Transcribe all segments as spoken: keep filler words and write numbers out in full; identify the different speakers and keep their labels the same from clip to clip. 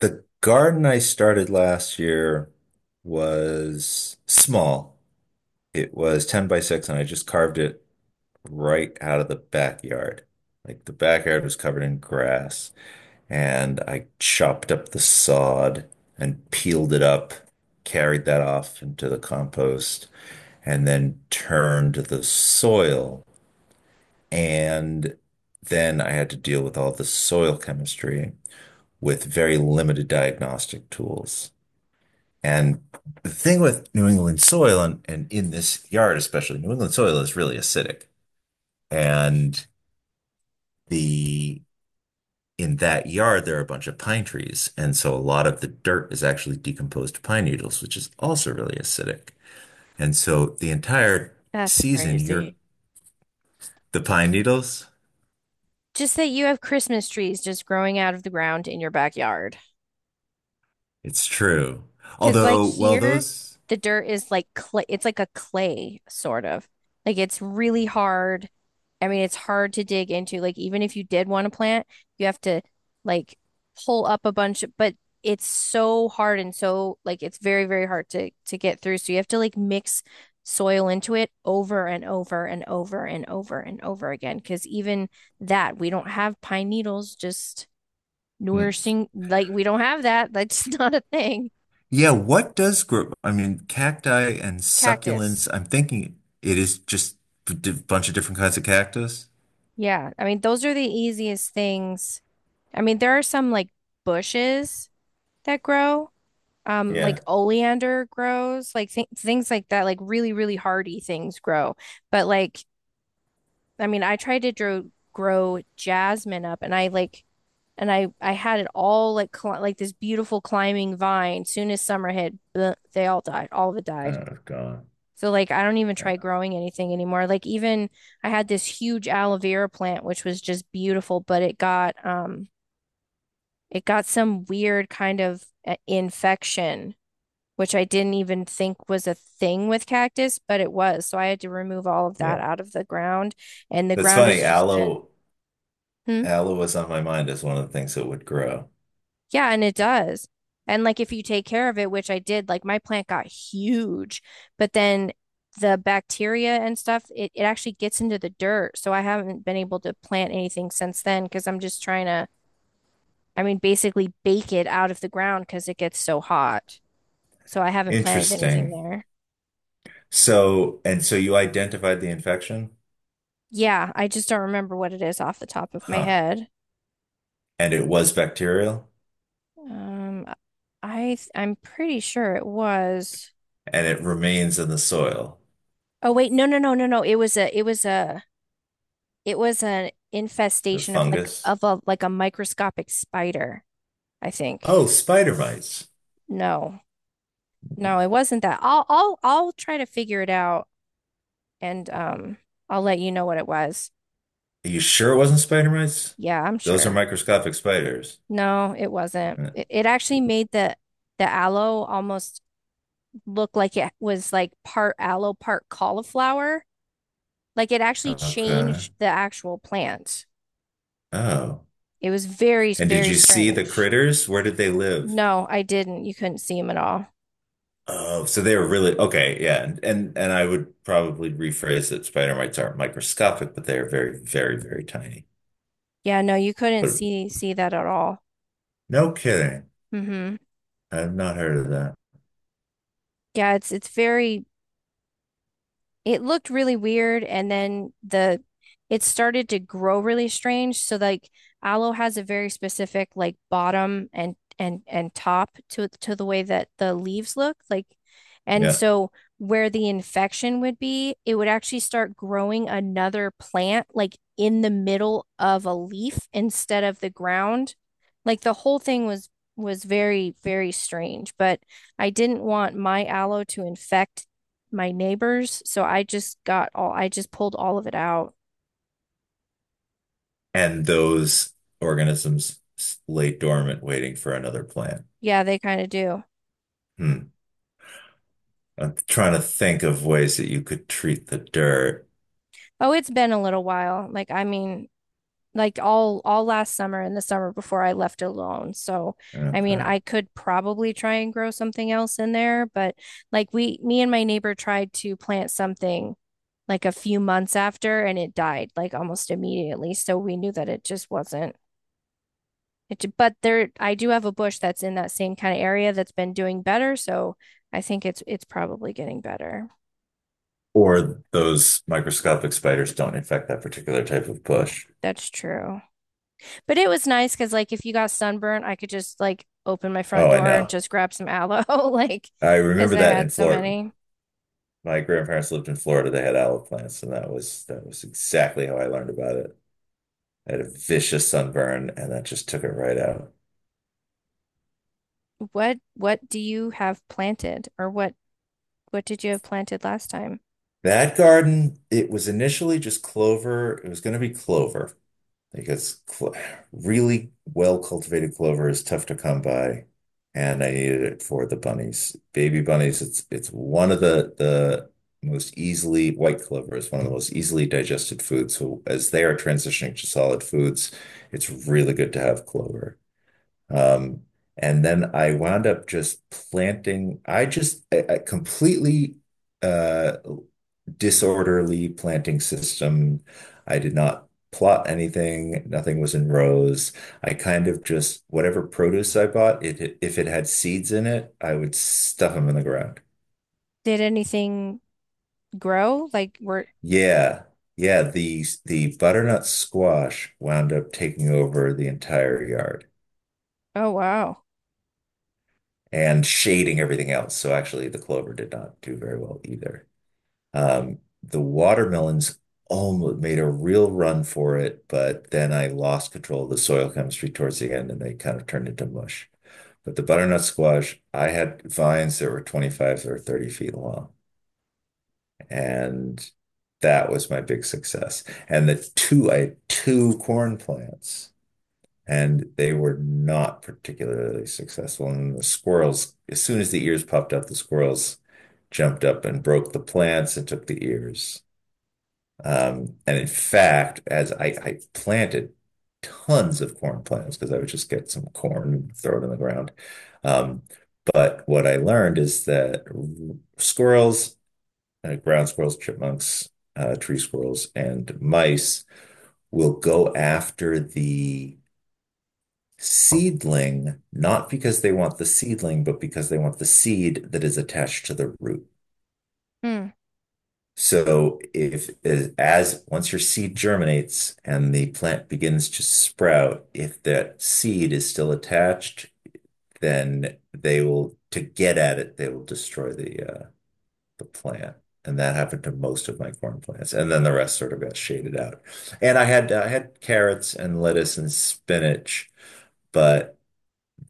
Speaker 1: The garden I started last year was small. It was ten by six, and I just carved it right out of the backyard. Like the backyard was covered in grass, and I chopped up the sod and peeled it up, carried that off into the compost, and then turned the soil. And then I had to deal with all the soil chemistry with very limited diagnostic tools. And the thing with New England soil and, and in this yard, especially, New England soil is really acidic. And the in that yard, there are a bunch of pine trees. And so a lot of the dirt is actually decomposed pine needles, which is also really acidic. And so the entire
Speaker 2: That's
Speaker 1: season, you're
Speaker 2: crazy.
Speaker 1: the pine needles.
Speaker 2: Just that you have Christmas trees just growing out of the ground in your backyard.
Speaker 1: It's true.
Speaker 2: Because like
Speaker 1: Although, well,
Speaker 2: here,
Speaker 1: those,
Speaker 2: the dirt is like clay. It's like a clay sort of. Like it's really hard. I mean, it's hard to dig into. Like even if you did want to plant, you have to like pull up a bunch, but it's so hard and so like it's very, very hard to to get through. So you have to like mix soil into it over and over and over and over and over again. Because even that, we don't have pine needles just
Speaker 1: hmm.
Speaker 2: nourishing. Like we don't have that. That's not a thing.
Speaker 1: Yeah, what does grow? I mean, cacti and
Speaker 2: Cactus.
Speaker 1: succulents, I'm thinking it is just a di- bunch of different kinds of cactus.
Speaker 2: Yeah, I mean, those are the easiest things. I mean, there are some like bushes that grow, um, like
Speaker 1: Yeah.
Speaker 2: oleander grows, like th things like that, like really, really hardy things grow. But like, I mean, I tried to grow grow jasmine up, and I like, and I I had it all like cli like this beautiful climbing vine. Soon as summer hit, bleh, they all died. All of it
Speaker 1: I
Speaker 2: died.
Speaker 1: don't know if gone.
Speaker 2: So like I don't even try
Speaker 1: Yeah.
Speaker 2: growing anything anymore. Like even I had this huge aloe vera plant which was just beautiful, but it got um it got some weird kind of uh, infection which I didn't even think was a thing with cactus, but it was. So I had to remove all of that
Speaker 1: Yeah.
Speaker 2: out of the ground and the
Speaker 1: That's
Speaker 2: ground
Speaker 1: funny.
Speaker 2: has just been
Speaker 1: Aloe,
Speaker 2: hmm.
Speaker 1: aloe was on my mind as one of the things that would grow.
Speaker 2: Yeah, and it does. And like if you take care of it, which I did, like my plant got huge, but then the bacteria and stuff, it, it actually gets into the dirt. So I haven't been able to plant anything since then because I'm just trying to, I mean, basically bake it out of the ground because it gets so hot. So I haven't planted anything
Speaker 1: Interesting.
Speaker 2: there.
Speaker 1: So, and so you identified the infection?
Speaker 2: Yeah, I just don't remember what it is off the top of my
Speaker 1: Huh.
Speaker 2: head.
Speaker 1: And it was bacterial
Speaker 2: Um, I th- I'm pretty sure it was.
Speaker 1: and it remains in the soil.
Speaker 2: Oh wait, no, no, no, no, no. It was a it was a It was an
Speaker 1: The
Speaker 2: infestation of like
Speaker 1: fungus.
Speaker 2: of a like a microscopic spider, I think.
Speaker 1: Oh, spider mites.
Speaker 2: No, no, it wasn't that. I'll I'll I'll try to figure it out and um I'll let you know what it was.
Speaker 1: Are you sure it wasn't spider mites?
Speaker 2: Yeah, I'm
Speaker 1: Those are
Speaker 2: sure.
Speaker 1: microscopic spiders.
Speaker 2: No, it wasn't.
Speaker 1: Uh,
Speaker 2: It, it actually made the the aloe almost look like it was like part aloe, part cauliflower. Like it actually
Speaker 1: Okay.
Speaker 2: changed the actual plant.
Speaker 1: Oh.
Speaker 2: It was very,
Speaker 1: And did
Speaker 2: very
Speaker 1: you see the
Speaker 2: strange.
Speaker 1: critters? Where did they live?
Speaker 2: No, I didn't. You couldn't see him at all.
Speaker 1: Oh, so they were really okay, yeah, and and, and I would probably rephrase that spider mites aren't microscopic, but they are very, very, very tiny.
Speaker 2: Yeah, no, you couldn't
Speaker 1: But
Speaker 2: see see that at all.
Speaker 1: no kidding,
Speaker 2: Hmm.
Speaker 1: I've not heard of that.
Speaker 2: Yeah, it's it's very it looked really weird and then the it started to grow really strange. So like aloe has a very specific like bottom and and and top to to the way that the leaves look like and
Speaker 1: Yeah,
Speaker 2: so where the infection would be, it would actually start growing another plant like in the middle of a leaf instead of the ground. Like the whole thing was was very very strange, but I didn't want my aloe to infect my neighbors. So I just got all, I just pulled all of it out.
Speaker 1: and those organisms s- lay dormant, waiting for another plant.
Speaker 2: Yeah, they kind of do.
Speaker 1: Hmm. I'm trying to think of ways that you could treat the dirt.
Speaker 2: Oh, it's been a little while. Like, I mean, like all all last summer and the summer before I left alone. So, I mean,
Speaker 1: Okay,
Speaker 2: I could probably try and grow something else in there, but like we, me and my neighbor tried to plant something like a few months after and it died like almost immediately. So we knew that it just wasn't it, but there, I do have a bush that's in that same kind of area that's been doing better, so I think it's it's probably getting better.
Speaker 1: or those microscopic spiders don't infect that particular type of bush.
Speaker 2: That's true. But it was nice because like if you got sunburnt, I could just like open my front
Speaker 1: Oh, I
Speaker 2: door and
Speaker 1: know.
Speaker 2: just grab some aloe, like
Speaker 1: I
Speaker 2: because
Speaker 1: remember
Speaker 2: I
Speaker 1: that
Speaker 2: had
Speaker 1: in
Speaker 2: so
Speaker 1: Florida.
Speaker 2: many.
Speaker 1: My grandparents lived in Florida. They had olive plants, and that was that was exactly how I learned about it. I had a vicious sunburn, and that just took it right out.
Speaker 2: What what do you have planted or what what did you have planted last time?
Speaker 1: That garden, it was initially just clover. It was going to be clover. Because cl really well cultivated clover is tough to come by, and I needed it for the bunnies, baby bunnies. It's it's one of the the most easily white clover is one of the most easily digested foods. So as they are transitioning to solid foods, it's really good to have clover. Um, and then I wound up just planting. I just I, I completely uh disorderly planting system. I did not plot anything. Nothing was in rows. I kind of just whatever produce I bought, it if it had seeds in it, I would stuff them in the ground.
Speaker 2: Did anything grow? Like were
Speaker 1: Yeah. Yeah, the the butternut squash wound up taking over the entire yard
Speaker 2: oh wow.
Speaker 1: and shading everything else. So actually the clover did not do very well either. Um, The watermelons almost made a real run for it, but then I lost control of the soil chemistry towards the end, and they kind of turned into mush. But the butternut squash, I had vines that were twenty-five or thirty feet long, and that was my big success. And the two, I had two corn plants, and they were not particularly successful. And the squirrels, as soon as the ears popped up, the squirrels jumped up and broke the plants and took the ears. Um, and in fact, as I, I planted tons of corn plants because I would just get some corn and throw it in the ground. Um, but what I learned is that squirrels, uh, ground squirrels, chipmunks, uh, tree squirrels, and mice will go after the seedling, not because they want the seedling, but because they want the seed that is attached to the root.
Speaker 2: Hmm.
Speaker 1: So if as, as once your seed germinates and the plant begins to sprout, if that seed is still attached, then they will to get at it, they will destroy the uh, the plant. And that happened to most of my corn plants. And then the rest sort of got shaded out. And I had I had carrots and lettuce and spinach, but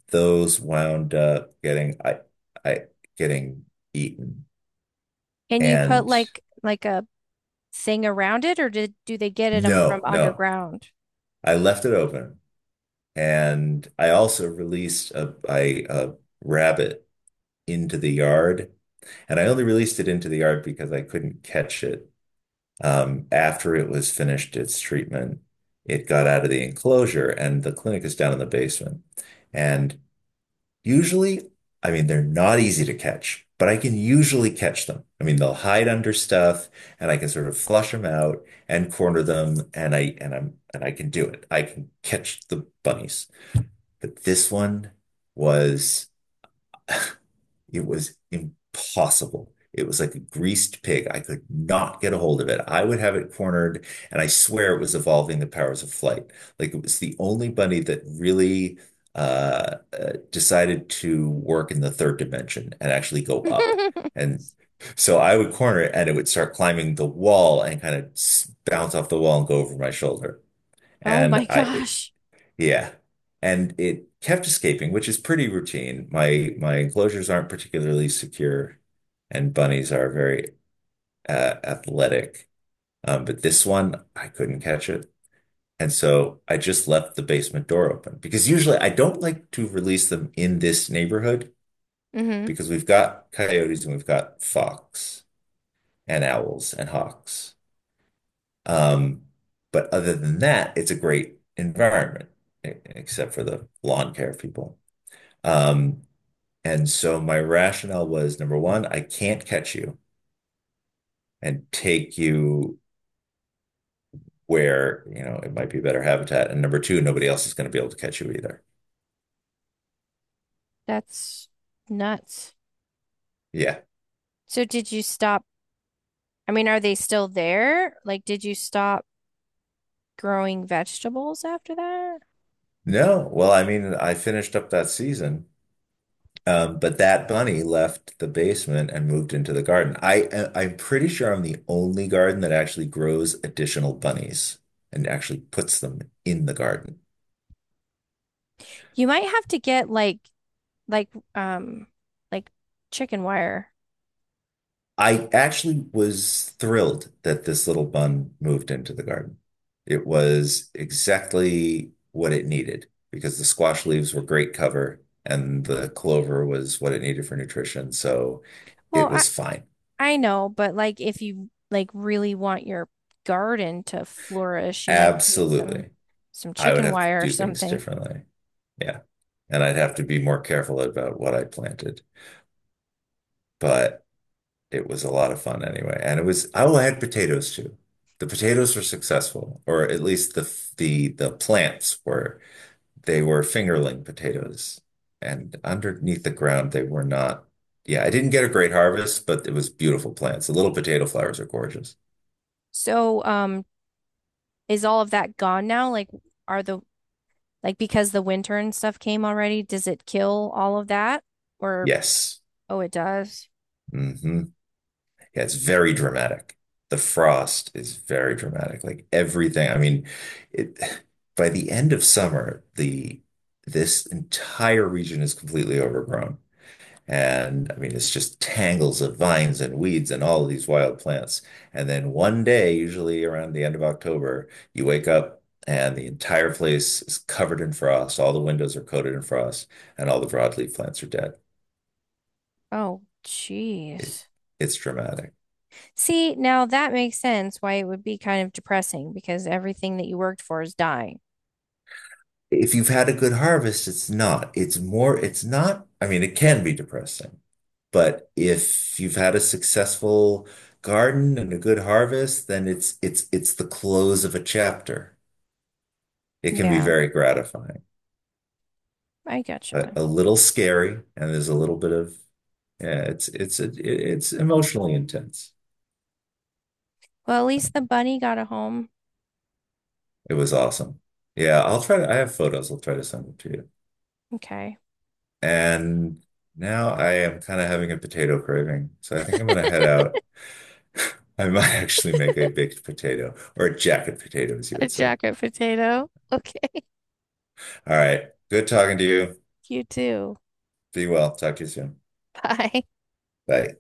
Speaker 1: those wound up getting I I getting eaten.
Speaker 2: And you put
Speaker 1: And
Speaker 2: like like a thing around it or did do they get it um, from
Speaker 1: no, no,
Speaker 2: underground?
Speaker 1: I left it open. And I also released a, I, a rabbit into the yard. And I only released it into the yard because I couldn't catch it. Um, after it was finished its treatment, it got out of the enclosure, and the clinic is down in the basement. And usually, I mean, they're not easy to catch, but I can usually catch them. I mean, they'll hide under stuff, and I can sort of flush them out and corner them, and I and I'm and I can do it. I can catch the bunnies. But this one was, it was impossible. It was like a greased pig. I could not get a hold of it. I would have it cornered, and I swear it was evolving the powers of flight. Like it was the only bunny that really uh, uh, decided to work in the third dimension and actually go up. And so I would corner it, and it would start climbing the wall and kind of bounce off the wall and go over my shoulder.
Speaker 2: Oh
Speaker 1: And
Speaker 2: my
Speaker 1: I
Speaker 2: gosh.
Speaker 1: yeah. And it kept escaping, which is pretty routine. My my enclosures aren't particularly secure, and bunnies are very uh, athletic. Um, but this one, I couldn't catch it. And so I just left the basement door open because usually I don't like to release them in this neighborhood
Speaker 2: Hmm.
Speaker 1: because we've got coyotes and we've got fox and owls and hawks. Um, but other than that, it's a great environment, e- except for the lawn care people. Um, And so my rationale was number one, I can't catch you and take you where, you know, it might be better habitat. And number two, nobody else is going to be able to catch you either.
Speaker 2: That's nuts.
Speaker 1: Yeah.
Speaker 2: So did you stop? I mean, are they still there? Like, did you stop growing vegetables after that?
Speaker 1: No. Well, I mean, I finished up that season. Um, but that bunny left the basement and moved into the garden. I, I- I'm pretty sure I'm the only garden that actually grows additional bunnies and actually puts them in the garden.
Speaker 2: You might have to get like like um like chicken wire.
Speaker 1: I actually was thrilled that this little bun moved into the garden. It was exactly what it needed because the squash leaves were great cover and the clover was what it needed for nutrition. So
Speaker 2: Well,
Speaker 1: it
Speaker 2: I
Speaker 1: was fine.
Speaker 2: I know, but like if you like really want your garden to flourish, you might need some
Speaker 1: Absolutely.
Speaker 2: some
Speaker 1: I would
Speaker 2: chicken
Speaker 1: have to
Speaker 2: wire or
Speaker 1: do things
Speaker 2: something.
Speaker 1: differently. Yeah. And I'd have to be more careful about what I planted. But it was a lot of fun anyway, and it was. I will add potatoes too. The potatoes were successful, or at least the the the plants were. They were fingerling potatoes, and underneath the ground they were not. Yeah, I didn't get a great harvest, but it was beautiful plants. The little potato flowers are gorgeous.
Speaker 2: So, um, is all of that gone now? Like, are the like because the winter and stuff came already, does it kill all of that? Or
Speaker 1: Yes.
Speaker 2: oh, it does.
Speaker 1: Hmm. Yeah, it's very dramatic. The frost is very dramatic. Like everything. I mean, it by the end of summer, the this entire region is completely overgrown. And I mean, it's just tangles of vines and weeds and all of these wild plants. And then one day, usually around the end of October, you wake up and the entire place is covered in frost. All the windows are coated in frost, and all the broadleaf plants are dead.
Speaker 2: Oh,
Speaker 1: It's
Speaker 2: jeez.
Speaker 1: it's dramatic.
Speaker 2: See, now that makes sense why it would be kind of depressing because everything that you worked for is dying.
Speaker 1: If you've had a good harvest, it's not. It's more, it's not. I mean, it can be depressing, but if you've had a successful garden and a good harvest, then it's it's it's the close of a chapter. It can be
Speaker 2: Yeah,
Speaker 1: very gratifying,
Speaker 2: I
Speaker 1: but
Speaker 2: gotcha.
Speaker 1: a little scary, and there's a little bit of yeah, it's it's a it's emotionally intense.
Speaker 2: Well, at least the bunny got a home.
Speaker 1: It was awesome. Yeah, I'll try to, I have photos. I'll try to send them to you.
Speaker 2: Okay.
Speaker 1: And now I am kind of having a potato craving, so I think I'm gonna head out. I might actually make a baked potato or a jacket potato, as you
Speaker 2: A
Speaker 1: would say.
Speaker 2: jacket potato. Okay.
Speaker 1: All right. Good talking to you.
Speaker 2: You too.
Speaker 1: Be well. Talk to you soon.
Speaker 2: Bye.
Speaker 1: Bye.